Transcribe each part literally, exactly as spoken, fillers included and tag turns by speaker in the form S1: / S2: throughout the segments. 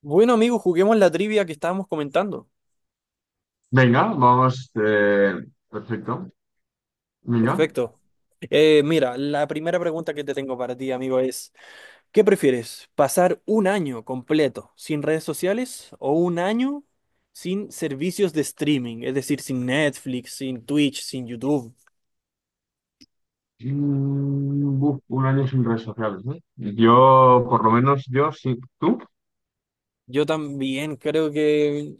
S1: Bueno, amigo, juguemos la trivia que estábamos comentando.
S2: Venga, vamos. Eh, perfecto. Venga.
S1: Perfecto. Eh, mira, la primera pregunta que te tengo para ti, amigo, es, ¿qué prefieres? ¿Pasar un año completo sin redes sociales o un año sin servicios de streaming? Es decir, sin Netflix, sin Twitch, sin YouTube.
S2: Mm, buf, un año sin redes sociales, ¿eh? Yo, por lo menos yo sí. ¿Tú?
S1: Yo también creo que...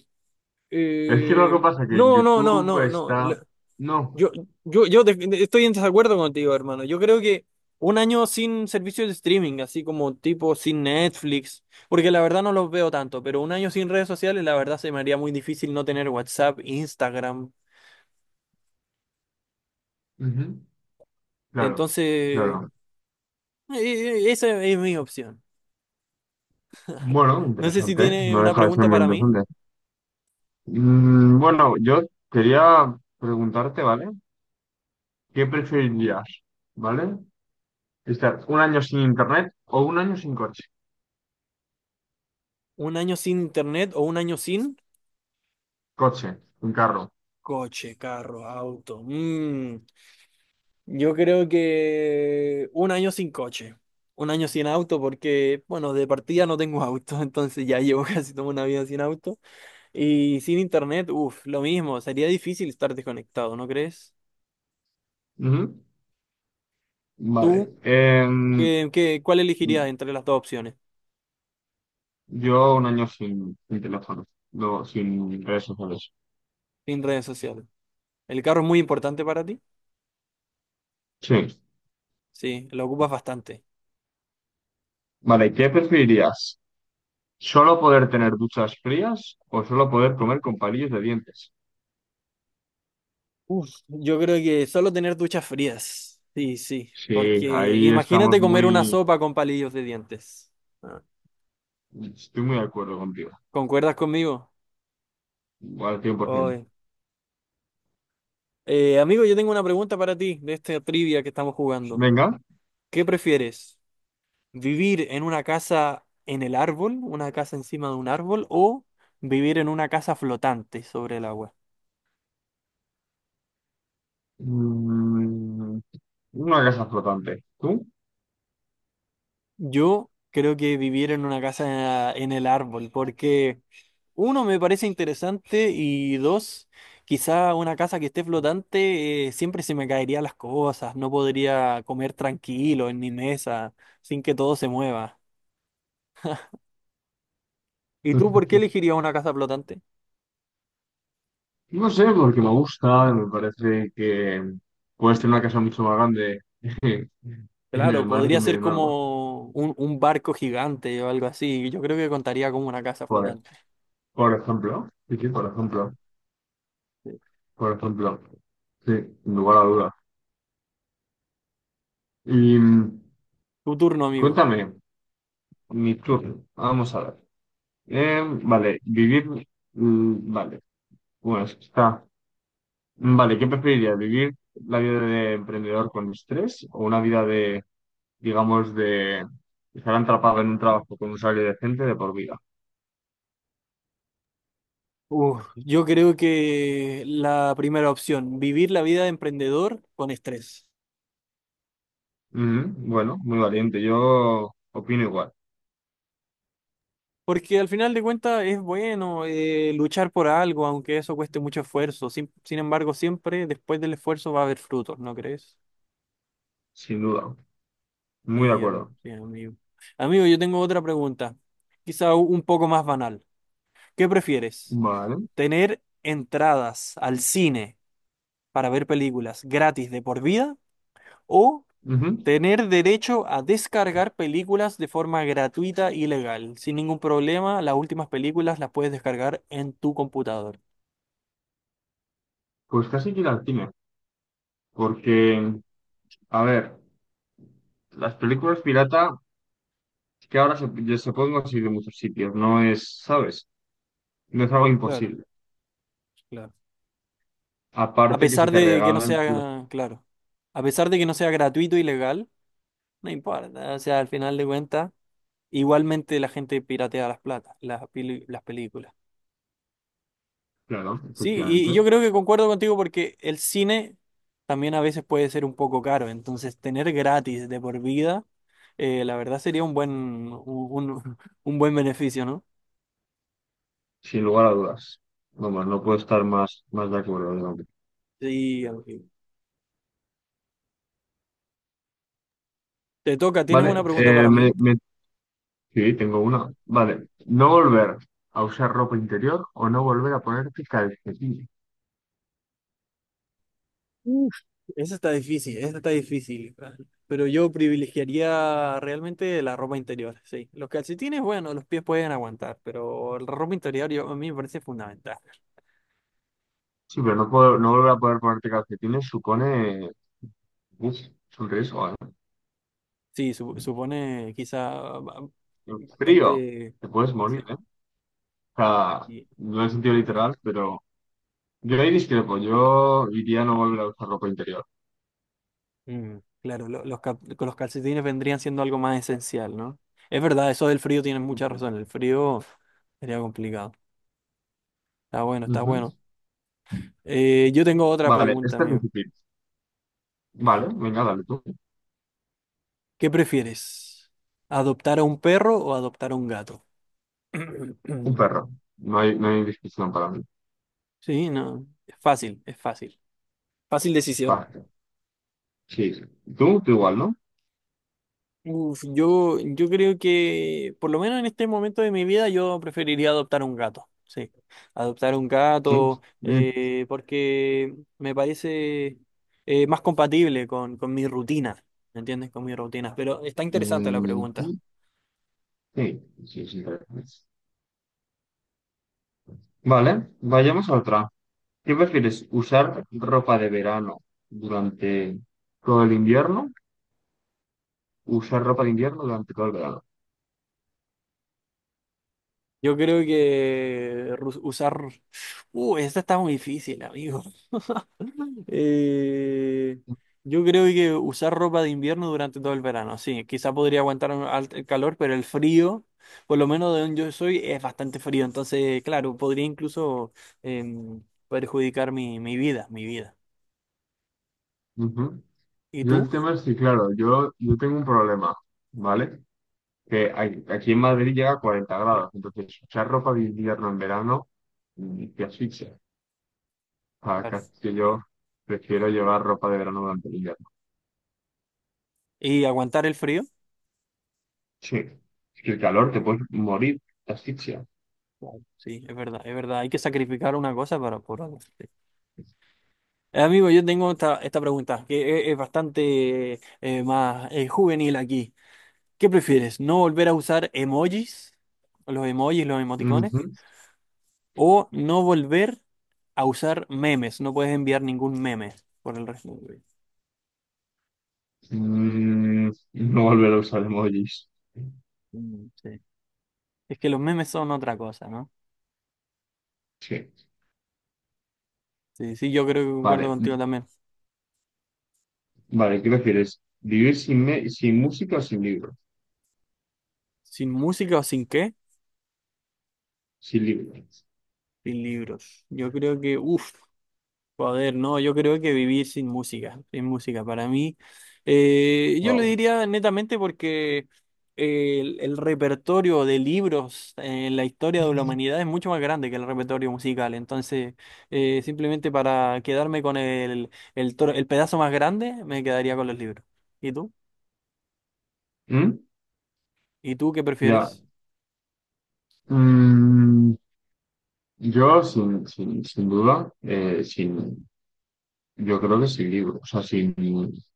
S2: Es que lo que
S1: eh,
S2: pasa es que en
S1: no, no, no,
S2: YouTube
S1: no, no.
S2: está... No.
S1: Yo, yo, yo de- de- Estoy en desacuerdo contigo, hermano. Yo creo que un año sin servicios de streaming, así como tipo sin Netflix, porque la verdad no los veo tanto, pero un año sin redes sociales, la verdad se me haría muy difícil no tener WhatsApp, Instagram.
S2: Ujú. Claro,
S1: Entonces, eh,
S2: claro.
S1: eh, esa es mi opción.
S2: Bueno,
S1: No sé si
S2: interesante.
S1: tiene
S2: No
S1: una
S2: deja de ser
S1: pregunta
S2: muy
S1: para mí.
S2: interesante. Mm, bueno, yo quería preguntarte, ¿vale? ¿Qué preferirías? ¿Vale? ¿Estar un año sin internet o un año sin coche?
S1: ¿Un año sin internet o un año sin
S2: Coche, un carro.
S1: coche, carro, auto? Mm. Yo creo que un año sin coche, un año sin auto, porque, bueno, de partida no tengo auto, entonces ya llevo casi toda una vida sin auto. Y sin internet, uff, lo mismo, sería difícil estar desconectado, ¿no crees?
S2: Ujú.
S1: ¿Tú
S2: Vale. Em,
S1: qué, qué- cuál elegirías entre las dos opciones?
S2: yo un año sin, sin teléfono, no, sin redes sociales.
S1: Sin redes sociales. ¿El carro es muy importante para ti?
S2: Sí.
S1: Sí, lo ocupas bastante.
S2: Vale, ¿qué preferirías? ¿Solo poder tener duchas frías o solo poder comer con palillos de dientes?
S1: Uf, yo creo que solo tener duchas frías. Sí, sí,
S2: Sí,
S1: porque
S2: ahí estamos
S1: imagínate comer una
S2: muy...
S1: sopa con palillos de dientes. Ah,
S2: Estoy muy de acuerdo contigo.
S1: ¿concuerdas conmigo?
S2: Al cien por ciento.
S1: Oy. Eh, amigo, yo tengo una pregunta para ti de esta trivia que estamos jugando.
S2: Venga.
S1: ¿Qué prefieres? ¿Vivir en una casa en el árbol, una casa encima de un árbol, o vivir en una casa flotante sobre el agua?
S2: Mm, una casa flotante. ¿Tú?
S1: Yo creo que vivir en una casa en el árbol, porque uno me parece interesante y dos, quizá una casa que esté flotante, eh, siempre se me caerían las cosas, no podría comer tranquilo en mi mesa sin que todo se mueva. ¿Y tú por qué elegirías una casa flotante?
S2: No sé, porque me gusta, me parece que puedes tener una casa mucho más grande en el
S1: Claro,
S2: mar que
S1: podría
S2: en medio
S1: ser
S2: de un árbol.
S1: como un, un barco gigante o algo así. Yo creo que contaría como una casa
S2: Por,
S1: flotante.
S2: por ejemplo, sí, sí, por ejemplo, por ejemplo, sí, sin lugar a dudas. Y mm,
S1: Tu turno, amigo.
S2: cuéntame, mi turno, vamos a ver. Em, vale, vivir, mm, vale, bueno, es que está. Vale, ¿qué preferirías? ¿Vivir la vida de emprendedor con estrés o una vida de, digamos, de estar atrapado en un trabajo con un salario decente de por vida?
S1: Uf, yo creo que la primera opción, vivir la vida de emprendedor con estrés.
S2: Ujú, bueno, muy valiente. Yo opino igual,
S1: Porque al final de cuentas es bueno eh, luchar por algo, aunque eso cueste mucho esfuerzo. Sin, sin embargo, siempre después del esfuerzo va a haber frutos, ¿no crees?
S2: sin duda. Muy de
S1: Sí, herm-
S2: acuerdo.
S1: sí, amigo. Amigo, yo tengo otra pregunta, quizá u- un poco más banal. ¿Qué prefieres?
S2: Vale.
S1: Tener entradas al cine para ver películas gratis de por vida o
S2: Ujú.
S1: tener derecho a descargar películas de forma gratuita y legal. Sin ningún problema, las últimas películas las puedes descargar en tu computador.
S2: Pues casi que ir al cine. Porque, a ver, las películas pirata que ahora se, ya se pueden conseguir en muchos sitios. No es, ¿sabes? No es algo
S1: Claro,
S2: imposible.
S1: claro. A
S2: Aparte que si
S1: pesar
S2: te
S1: de que no
S2: regalan, las-
S1: sea, claro, a pesar de que no sea gratuito y legal, no importa, o sea, al final de cuentas, igualmente la gente piratea las plata, las, peli- las películas.
S2: claro,
S1: Sí, y, y yo
S2: efectivamente.
S1: creo que concuerdo contigo porque el cine también a veces puede ser un poco caro, entonces tener gratis de por vida, eh, la verdad sería un buen, un, un- un buen beneficio, ¿no?
S2: Sin lugar a dudas. Vamos, no puedo estar más, más de acuerdo, digamos.
S1: Sí, amigo. Te toca, ¿tienes una
S2: Vale,
S1: pregunta
S2: eh,
S1: para
S2: me,
S1: mí?
S2: me Sí, tengo una. Vale. No volver a usar ropa interior o no volver a ponerte calcetines.
S1: Uf, esa está difícil, esa está difícil, pero yo privilegiaría realmente la ropa interior, sí. Los calcetines, bueno, los pies pueden aguantar, pero la ropa interior yo- a mí me parece fundamental.
S2: Sí, pero no, puedo, no volver a poder ponerte calcetines supone. Uf, es un riesgo, ¿eh?
S1: Sí, su- supone quizá ba-
S2: El frío.
S1: bastante...
S2: Te puedes morir, ¿eh? O sea,
S1: Sí,
S2: no en el sentido
S1: la verdad.
S2: literal, pero yo ahí discrepo. Yo iría a no volver a usar ropa interior.
S1: Mm, claro, lo- los, cap- con los calcetines vendrían siendo algo más esencial, ¿no? Es verdad, eso del frío tienes mucha
S2: Ujú.
S1: razón. El frío sería complicado. Está bueno, está
S2: Ujú.
S1: bueno. Eh, yo tengo otra
S2: Vale,
S1: pregunta,
S2: este es
S1: amigo.
S2: difícil. Vale, venga, dale tú.
S1: ¿Qué prefieres? ¿Adoptar a un perro o adoptar a un gato?
S2: Un perro. No hay, no hay discusión para mí.
S1: Sí, no. Es fácil, es fácil. Fácil decisión.
S2: Vale. Sí. Tú, tú igual, ¿no?
S1: Uf, yo, yo creo que, por lo menos en este momento de mi vida, yo preferiría adoptar un gato. Sí, adoptar un
S2: Sí.
S1: gato,
S2: Mm.
S1: eh, porque me parece eh, más compatible con, con mi rutina, ¿me entiendes? Con mi rutina. Pero está interesante la pregunta.
S2: mm, Sí, sí, sí, tal. Vale, vayamos a otra. ¿Qué prefieres? ¿Usar ropa de verano durante todo el invierno? ¿Usar ropa de invierno durante todo el verano?
S1: Yo creo que ru- usar... Uh, esta está muy difícil, amigo. Eh, yo creo que usar ropa de invierno durante todo el verano, sí, quizá podría aguantar un alt- el calor, pero el frío, por lo menos de donde yo soy, es bastante frío, entonces, claro, podría incluso em, perjudicar mi, mi vida, mi vida.
S2: Ujú.
S1: ¿Y
S2: Yo el
S1: tú?
S2: tema es que, claro, yo, yo tengo un problema, ¿vale? Que hay- aquí en Madrid llega a cuarenta
S1: Sí,
S2: grados, entonces usar ropa de invierno en verano mm, te asfixia. O
S1: claro.
S2: sea, que yo prefiero llevar ropa de verano durante el invierno.
S1: ¿Y aguantar el frío?
S2: Sí. Es que el calor te
S1: Mm,
S2: puedes morir, te asfixia.
S1: claro. Sí, es verdad, es verdad, hay que sacrificar una cosa para por otra. Sí. Eh, amigo, yo tengo esta, esta pregunta que es, es bastante eh, más eh, juvenil aquí. ¿Qué prefieres? ¿No volver a usar emojis, los emojis, los emoticones? ¿O no volver a usar memes? No puedes enviar ningún meme por el resto de tu vida.
S2: Mm, no volver a usar emojis.
S1: Mm, sí. Es que los memes son otra cosa, ¿no?
S2: Sí.
S1: Sí, sí, yo creo que concuerdo
S2: Vale,
S1: contigo también.
S2: vale, ¿qué prefieres? ¿Vivir sin, me- sin música o sin libros?
S1: ¿Sin música o sin qué?
S2: Sin libros.
S1: Sin libros. Yo creo que, uff. Joder, no, yo creo que vivir sin música, sin música, para mí, eh, yo lo
S2: Wow.
S1: diría netamente porque el, el repertorio de libros en la historia de la humanidad es mucho más grande que el repertorio musical, entonces eh, simplemente para quedarme con el, el, tro- el pedazo más grande, me quedaría con los libros. ¿Y tú?
S2: ¿Mm?
S1: ¿Y tú qué
S2: Ya.
S1: prefieres?
S2: Mm, yo, sin, sin, sin duda, eh, sin, yo creo que sin libros, o sea, sin libros.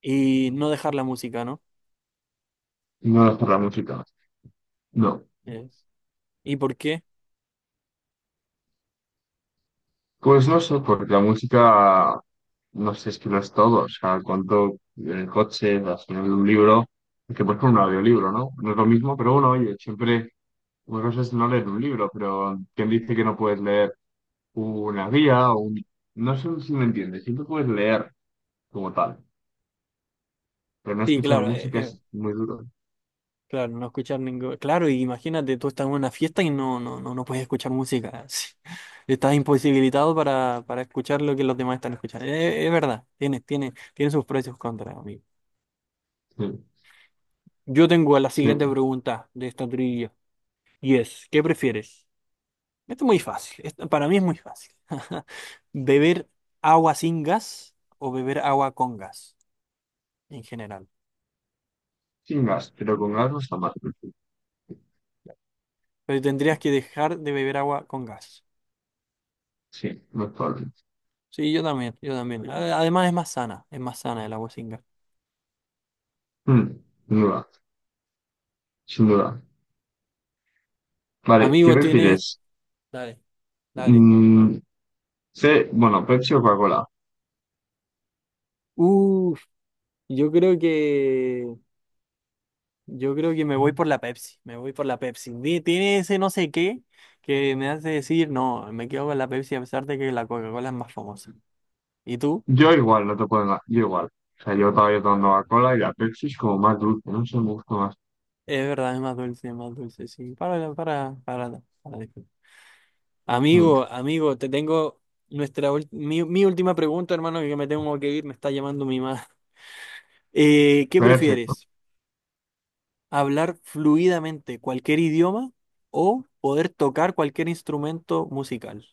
S1: Y no dejar la música, ¿no?
S2: No dejar la música. No.
S1: Es- ¿Y por qué?
S2: Pues no sé, porque la música, no sé, es que lo es todo. O sea, cuánto en el coche, al final de un libro, que por ejemplo un audiolibro, ¿no? No es lo mismo, pero bueno, oye, siempre, una cosa es no leer un libro, pero ¿quién dice que no puedes leer una guía o un... No sé si me entiendes, siempre puedes leer como tal, pero no
S1: Sí,
S2: escuchar
S1: claro,
S2: música
S1: eh,
S2: es muy duro.
S1: claro, no escuchar ningún... Claro, y imagínate, tú estás en una fiesta y no, no, no, no puedes escuchar música. sí. Estás imposibilitado para, para escuchar lo que los demás están escuchando. Eh, Es, verdad, tiene, tiene, tiene sus precios y sus contras, amigo.
S2: Sí,
S1: Yo tengo la
S2: sí,
S1: siguiente pregunta de esta trivia. Y es, ¿qué prefieres? Esto es muy fácil. Esto para mí es muy fácil. ¿Beber agua sin gas o beber agua con gas en general?
S2: sin gas, pero con gas no está mal.
S1: Pero tendrías que dejar de beber agua con gas.
S2: Sí, no es probable.
S1: Sí, yo también, yo también. A- además es más sana, es más sana el agua sin gas.
S2: Mm, sin duda, sin duda. Vale, ¿qué
S1: Amigo, tienes...
S2: prefieres?
S1: Dale, dale.
S2: Mm, Sí, bueno, Pepsi o Coca-Cola.
S1: Uf, yo creo que... Yo creo que me voy por la Pepsi, me voy por la Pepsi. Di- tiene ese no sé qué que me hace decir, no, me quedo con la Pepsi a pesar de que la Coca-Cola es más famosa. ¿Y tú?
S2: Yo igual, no te puedo engañar. Yo igual. O sea, yo todavía tomando Coca-Cola y la Pepsi es como más dulce, no sé, me gusta más.
S1: Es verdad, es más dulce, es más dulce, sí. Para, para, para, para. Amigo,
S2: Mm,
S1: amigo, te tengo nuestra ul- mi, mi última pregunta, hermano, que me tengo que ir, me está llamando mi madre. Eh, ¿qué
S2: perfecto.
S1: prefieres? Hablar fluidamente cualquier idioma o poder tocar cualquier instrumento musical.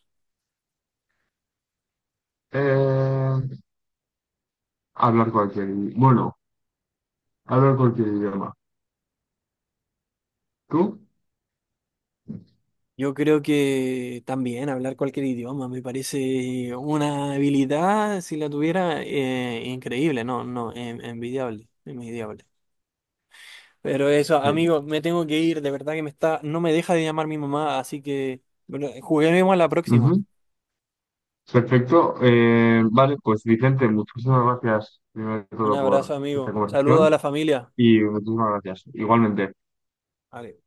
S2: Eh, Hablar cualquier idi- bueno, hablar cualquier idioma. ¿Tú?
S1: Yo creo que también hablar cualquier idioma me parece una habilidad, si la tuviera, eh, increíble, no, no, en- envidiable, envidiable. Pero eso,
S2: Sí.
S1: amigo, me tengo que ir, de verdad que me está, no me deja de llamar mi mamá, así que bueno, juguemos a la próxima.
S2: Ujú. Perfecto. Eh, vale, pues Vicente, muchísimas gracias primero de
S1: Un
S2: todo
S1: abrazo,
S2: por esta
S1: amigo. Saludo a la
S2: conversación
S1: familia.
S2: y muchísimas gracias. Igualmente.
S1: Vale.